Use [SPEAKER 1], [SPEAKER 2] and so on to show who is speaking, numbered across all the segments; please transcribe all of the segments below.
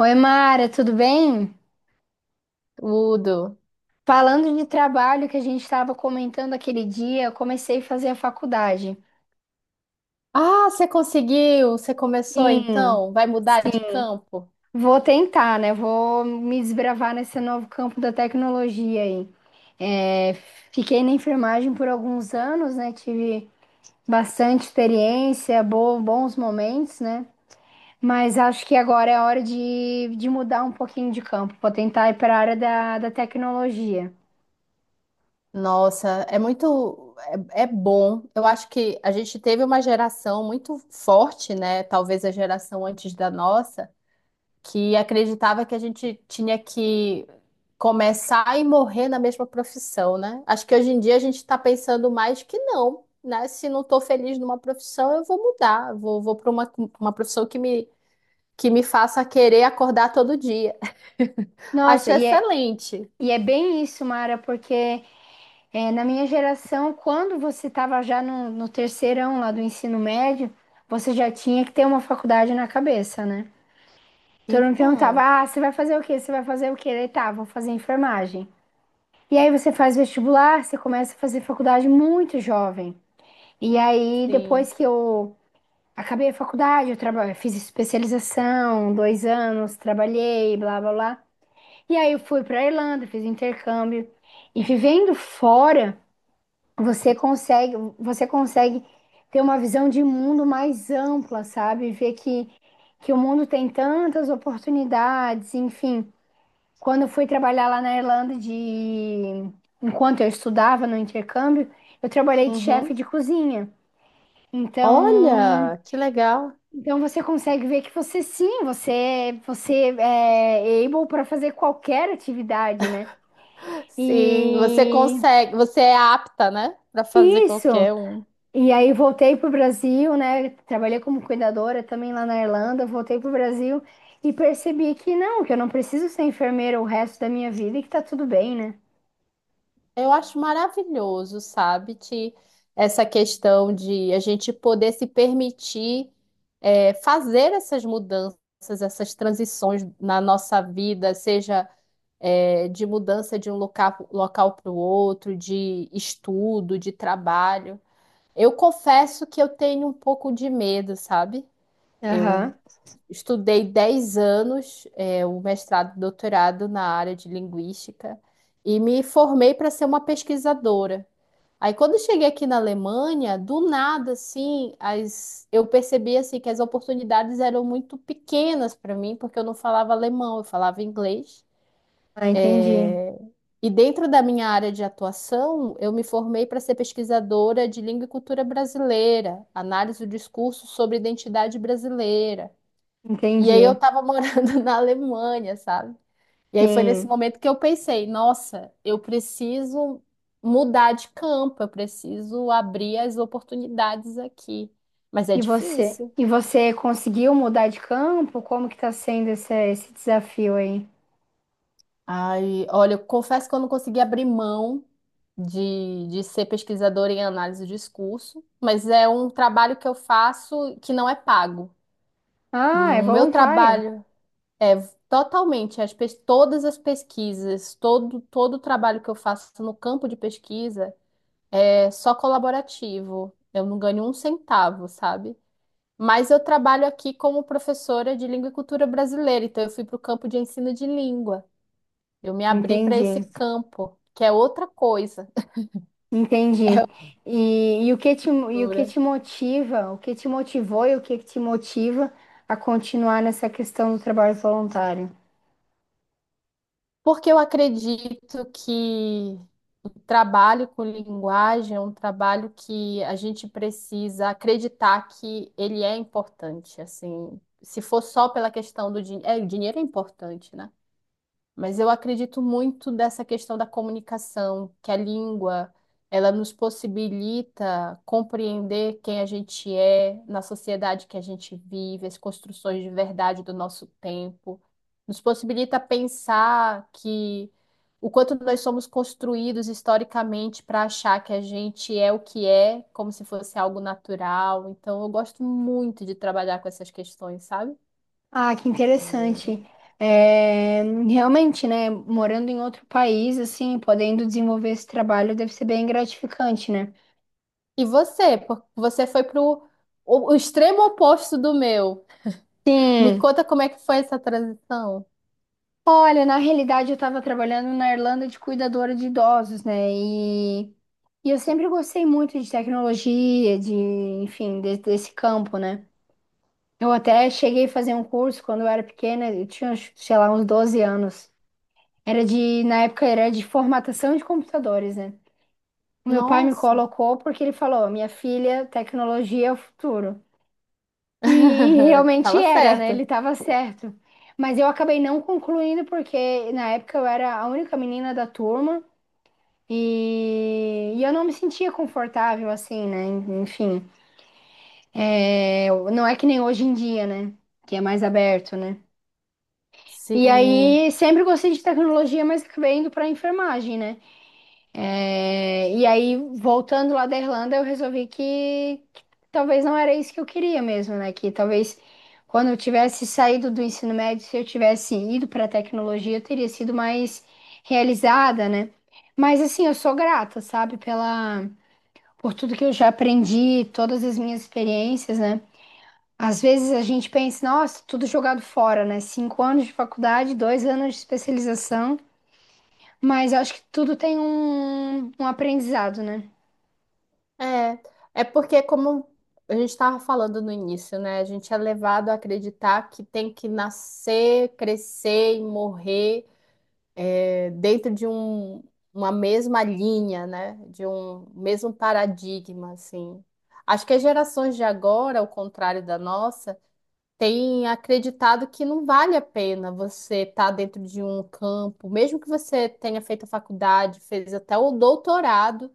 [SPEAKER 1] Oi, Mara, tudo bem?
[SPEAKER 2] Tudo.
[SPEAKER 1] Falando de trabalho que a gente estava comentando aquele dia, eu comecei a fazer a faculdade.
[SPEAKER 2] Ah, você conseguiu, você começou
[SPEAKER 1] Sim,
[SPEAKER 2] então, vai mudar de
[SPEAKER 1] sim.
[SPEAKER 2] campo?
[SPEAKER 1] Vou tentar, né? Vou me desbravar nesse novo campo da tecnologia aí. É, fiquei na enfermagem por alguns anos, né? Tive bastante experiência, bons momentos, né? Mas acho que agora é hora de mudar um pouquinho de campo. Vou tentar ir para a área da tecnologia.
[SPEAKER 2] Nossa, é muito, é bom. Eu acho que a gente teve uma geração muito forte, né? Talvez a geração antes da nossa, que acreditava que a gente tinha que começar e morrer na mesma profissão, né? Acho que hoje em dia a gente está pensando mais que não, né? Se não estou feliz numa profissão, eu vou mudar, vou para uma profissão que me faça querer acordar todo dia.
[SPEAKER 1] Nossa,
[SPEAKER 2] Acho
[SPEAKER 1] e é,
[SPEAKER 2] excelente.
[SPEAKER 1] e é bem isso, Mara, porque na minha geração, quando você estava já no terceirão lá do ensino médio, você já tinha que ter uma faculdade na cabeça, né? Todo mundo perguntava:
[SPEAKER 2] Então,
[SPEAKER 1] ah, você vai fazer o quê? Você vai fazer o quê? Daí, tá, vou fazer enfermagem. E aí você faz vestibular, você começa a fazer faculdade muito jovem. E aí, depois
[SPEAKER 2] sim.
[SPEAKER 1] que eu acabei a faculdade, fiz especialização, 2 anos, trabalhei, blá blá blá. E aí eu fui para Irlanda, fiz intercâmbio. E vivendo fora, você consegue ter uma visão de mundo mais ampla, sabe? Ver que o mundo tem tantas oportunidades, enfim. Quando eu fui trabalhar lá na Irlanda de enquanto eu estudava no intercâmbio, eu trabalhei de chefe
[SPEAKER 2] Uhum.
[SPEAKER 1] de cozinha. Então,
[SPEAKER 2] Olha, que legal.
[SPEAKER 1] então você consegue ver que você sim, você é able para fazer qualquer atividade, né?
[SPEAKER 2] Sim, você
[SPEAKER 1] E
[SPEAKER 2] consegue, você é apta, né, para fazer
[SPEAKER 1] isso.
[SPEAKER 2] qualquer um.
[SPEAKER 1] E aí voltei pro Brasil, né? Trabalhei como cuidadora também lá na Irlanda, voltei pro Brasil e percebi que não, que eu não preciso ser enfermeira o resto da minha vida e que tá tudo bem, né?
[SPEAKER 2] Eu acho maravilhoso, sabe, essa questão de a gente poder se permitir fazer essas mudanças, essas transições na nossa vida, seja de mudança de um local, local para o outro, de estudo, de trabalho. Eu confesso que eu tenho um pouco de medo, sabe?
[SPEAKER 1] Aham.
[SPEAKER 2] Eu estudei 10 anos, o mestrado e doutorado na área de linguística e me formei para ser uma pesquisadora. Aí quando eu cheguei aqui na Alemanha, do nada assim, eu percebi assim que as oportunidades eram muito pequenas para mim, porque eu não falava alemão, eu falava inglês.
[SPEAKER 1] Ah, entendi.
[SPEAKER 2] E dentro da minha área de atuação, eu me formei para ser pesquisadora de língua e cultura brasileira, análise do discurso sobre identidade brasileira. E aí eu
[SPEAKER 1] Entendi.
[SPEAKER 2] estava morando na Alemanha, sabe? E aí foi nesse
[SPEAKER 1] Sim.
[SPEAKER 2] momento que eu pensei, nossa, eu preciso mudar de campo, eu preciso abrir as oportunidades aqui. Mas é difícil.
[SPEAKER 1] E você conseguiu mudar de campo? Como que tá sendo esse, esse desafio aí?
[SPEAKER 2] Ai, olha, eu confesso que eu não consegui abrir mão de ser pesquisadora em análise de discurso, mas é um trabalho que eu faço que não é pago.
[SPEAKER 1] Ah, é
[SPEAKER 2] O meu
[SPEAKER 1] voluntário.
[SPEAKER 2] trabalho é totalmente todas as pesquisas, todo o trabalho que eu faço no campo de pesquisa é só colaborativo. Eu não ganho um centavo, sabe? Mas eu trabalho aqui como professora de língua e cultura brasileira, então eu fui para o campo de ensino de língua. Eu me abri para
[SPEAKER 1] Entendi.
[SPEAKER 2] esse campo, que é outra coisa.
[SPEAKER 1] Entendi. E o que te, e o que te motiva, o que te motivou e o que te motiva a continuar nessa questão do trabalho voluntário?
[SPEAKER 2] Porque eu acredito que o trabalho com linguagem é um trabalho que a gente precisa acreditar que ele é importante, assim. Se for só pela questão do dinheiro, o dinheiro é importante, né? Mas eu acredito muito dessa questão da comunicação, que a língua, ela nos possibilita compreender quem a gente é na sociedade que a gente vive, as construções de verdade do nosso tempo. Nos possibilita pensar que o quanto nós somos construídos historicamente para achar que a gente é o que é, como se fosse algo natural. Então, eu gosto muito de trabalhar com essas questões, sabe?
[SPEAKER 1] Ah, que interessante. É, realmente, né, morando em outro país, assim, podendo desenvolver esse trabalho deve ser bem gratificante, né?
[SPEAKER 2] E você? Você foi pro o extremo oposto do meu. Me
[SPEAKER 1] Sim.
[SPEAKER 2] conta como é que foi essa transição.
[SPEAKER 1] Olha, na realidade eu estava trabalhando na Irlanda de cuidadora de idosos, né? E eu sempre gostei muito de tecnologia, de, enfim, desse campo, né? Eu até cheguei a fazer um curso quando eu era pequena, eu tinha, acho, sei lá, uns 12 anos. Era de, na época era de formatação de computadores, né? O meu pai me
[SPEAKER 2] Nossa,
[SPEAKER 1] colocou porque ele falou: "Minha filha, tecnologia é o futuro". E, e realmente
[SPEAKER 2] tava
[SPEAKER 1] era, né? Ele
[SPEAKER 2] certa.
[SPEAKER 1] estava certo. Mas eu acabei não concluindo porque na época eu era a única menina da turma e eu não me sentia confortável assim, né? Enfim, é, não é que nem hoje em dia, né? Que é mais aberto, né? E
[SPEAKER 2] Sim,
[SPEAKER 1] aí, sempre gostei de tecnologia, mas acabei indo para enfermagem, né? É, e aí, voltando lá da Irlanda, eu resolvi que talvez não era isso que eu queria mesmo, né? Que talvez quando eu tivesse saído do ensino médio, se eu tivesse ido para tecnologia, eu teria sido mais realizada, né? Mas assim, eu sou grata, sabe, pela por tudo que eu já aprendi, todas as minhas experiências, né? Às vezes a gente pensa, nossa, tudo jogado fora, né? 5 anos de faculdade, 2 anos de especialização, mas acho que tudo tem um aprendizado, né?
[SPEAKER 2] é. É porque, como a gente estava falando no início, né? A gente é levado a acreditar que tem que nascer, crescer e morrer dentro uma mesma linha, né? De um mesmo paradigma, assim. Acho que as gerações de agora, ao contrário da nossa, tem acreditado que não vale a pena você estar dentro de um campo, mesmo que você tenha feito a faculdade, fez até o doutorado,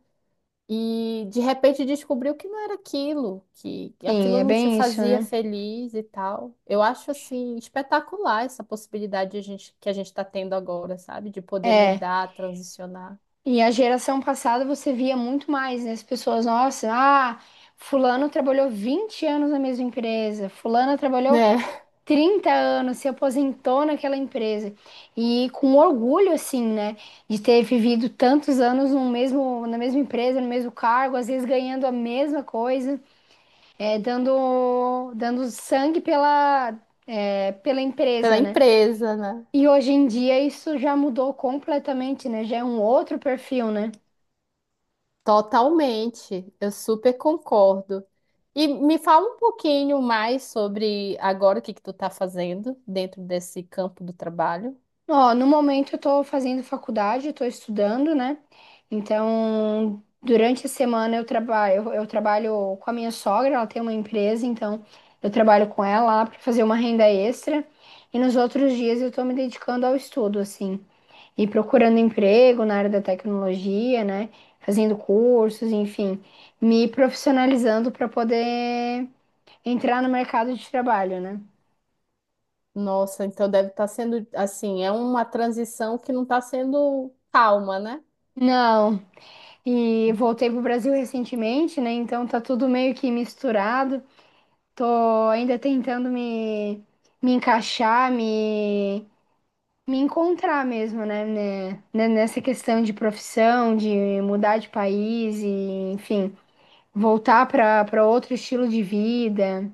[SPEAKER 2] e de repente descobriu que não era aquilo, que
[SPEAKER 1] Sim,
[SPEAKER 2] aquilo
[SPEAKER 1] é
[SPEAKER 2] não te
[SPEAKER 1] bem isso,
[SPEAKER 2] fazia
[SPEAKER 1] né?
[SPEAKER 2] feliz e tal. Eu acho assim espetacular essa possibilidade de a gente, que a gente está tendo agora, sabe? De poder
[SPEAKER 1] É.
[SPEAKER 2] mudar, transicionar,
[SPEAKER 1] E a geração passada você via muito mais, né? As pessoas, nossa, ah, fulano trabalhou 20 anos na mesma empresa, fulana trabalhou
[SPEAKER 2] né?
[SPEAKER 1] 30 anos, se aposentou naquela empresa. E com orgulho, assim, né? De ter vivido tantos anos no mesmo, na mesma empresa, no mesmo cargo, às vezes ganhando a mesma coisa, é, dando, dando sangue pela, é, pela
[SPEAKER 2] Pela
[SPEAKER 1] empresa, né?
[SPEAKER 2] empresa, né?
[SPEAKER 1] E hoje em dia isso já mudou completamente, né? Já é um outro perfil, né?
[SPEAKER 2] Totalmente, eu super concordo. E me fala um pouquinho mais sobre agora o que que tu tá fazendo dentro desse campo do trabalho.
[SPEAKER 1] Ó, no momento eu tô fazendo faculdade, eu tô estudando, né? Então, durante a semana eu trabalho, eu trabalho com a minha sogra, ela tem uma empresa, então eu trabalho com ela lá para fazer uma renda extra. E nos outros dias eu tô me dedicando ao estudo, assim, e procurando emprego na área da tecnologia, né? Fazendo cursos, enfim, me profissionalizando para poder entrar no mercado de trabalho, né?
[SPEAKER 2] Nossa, então deve estar sendo assim, é uma transição que não está sendo calma, né?
[SPEAKER 1] Não, e voltei pro Brasil recentemente, né? Então tá tudo meio que misturado. Tô ainda tentando me, me encaixar, me encontrar mesmo, né? Nessa questão de profissão, de mudar de país e, enfim, voltar para para outro estilo de vida.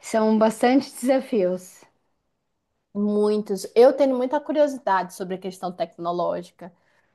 [SPEAKER 1] São bastante desafios.
[SPEAKER 2] Muitos. Eu tenho muita curiosidade sobre a questão tecnológica.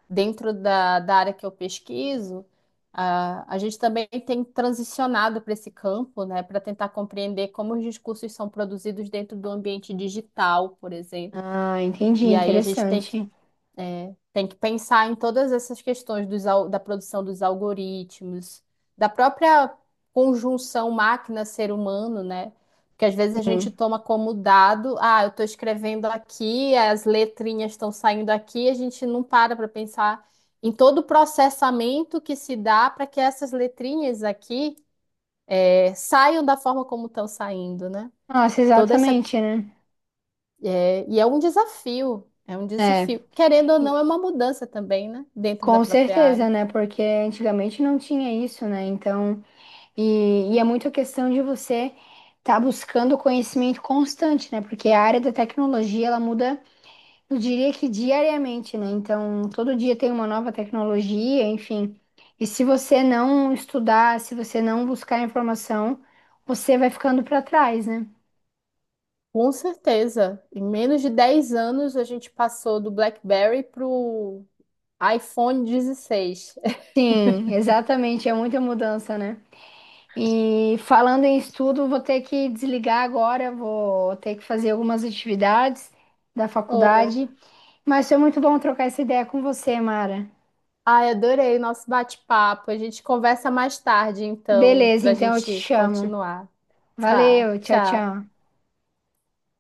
[SPEAKER 2] Dentro da área que eu pesquiso, a gente também tem transicionado para esse campo, né, para tentar compreender como os discursos são produzidos dentro do ambiente digital, por exemplo.
[SPEAKER 1] Ah, entendi,
[SPEAKER 2] E aí a gente tem que
[SPEAKER 1] interessante.
[SPEAKER 2] tem que pensar em todas essas questões da produção dos algoritmos, da própria conjunção máquina-ser humano, né? Porque às vezes a gente
[SPEAKER 1] Sim.
[SPEAKER 2] toma como dado, ah, eu estou escrevendo aqui, as letrinhas estão saindo aqui, a gente não para para pensar em todo o processamento que se dá para que essas letrinhas aqui, saiam da forma como estão saindo, né?
[SPEAKER 1] Nossa,
[SPEAKER 2] Toda essa
[SPEAKER 1] exatamente, né?
[SPEAKER 2] e é um desafio, é um
[SPEAKER 1] É.
[SPEAKER 2] desafio. Querendo ou não, é uma mudança também, né? Dentro da
[SPEAKER 1] Com
[SPEAKER 2] própria
[SPEAKER 1] certeza,
[SPEAKER 2] área.
[SPEAKER 1] né? Porque antigamente não tinha isso, né? Então, e é muito a questão de você estar buscando conhecimento constante, né? Porque a área da tecnologia, ela muda, eu diria que diariamente, né? Então, todo dia tem uma nova tecnologia, enfim. E se você não estudar, se você não buscar informação, você vai ficando para trás, né?
[SPEAKER 2] Com certeza. Em menos de 10 anos, a gente passou do BlackBerry pro iPhone 16.
[SPEAKER 1] Sim, exatamente, é muita mudança, né? E falando em estudo, vou ter que desligar agora, vou ter que fazer algumas atividades da
[SPEAKER 2] Oh,
[SPEAKER 1] faculdade. Mas foi muito bom trocar essa ideia com você, Mara.
[SPEAKER 2] ai, adorei o nosso bate-papo. A gente conversa mais tarde, então,
[SPEAKER 1] Beleza,
[SPEAKER 2] para a
[SPEAKER 1] então eu te
[SPEAKER 2] gente
[SPEAKER 1] chamo.
[SPEAKER 2] continuar. Tá,
[SPEAKER 1] Valeu, tchau,
[SPEAKER 2] tchau.
[SPEAKER 1] tchau.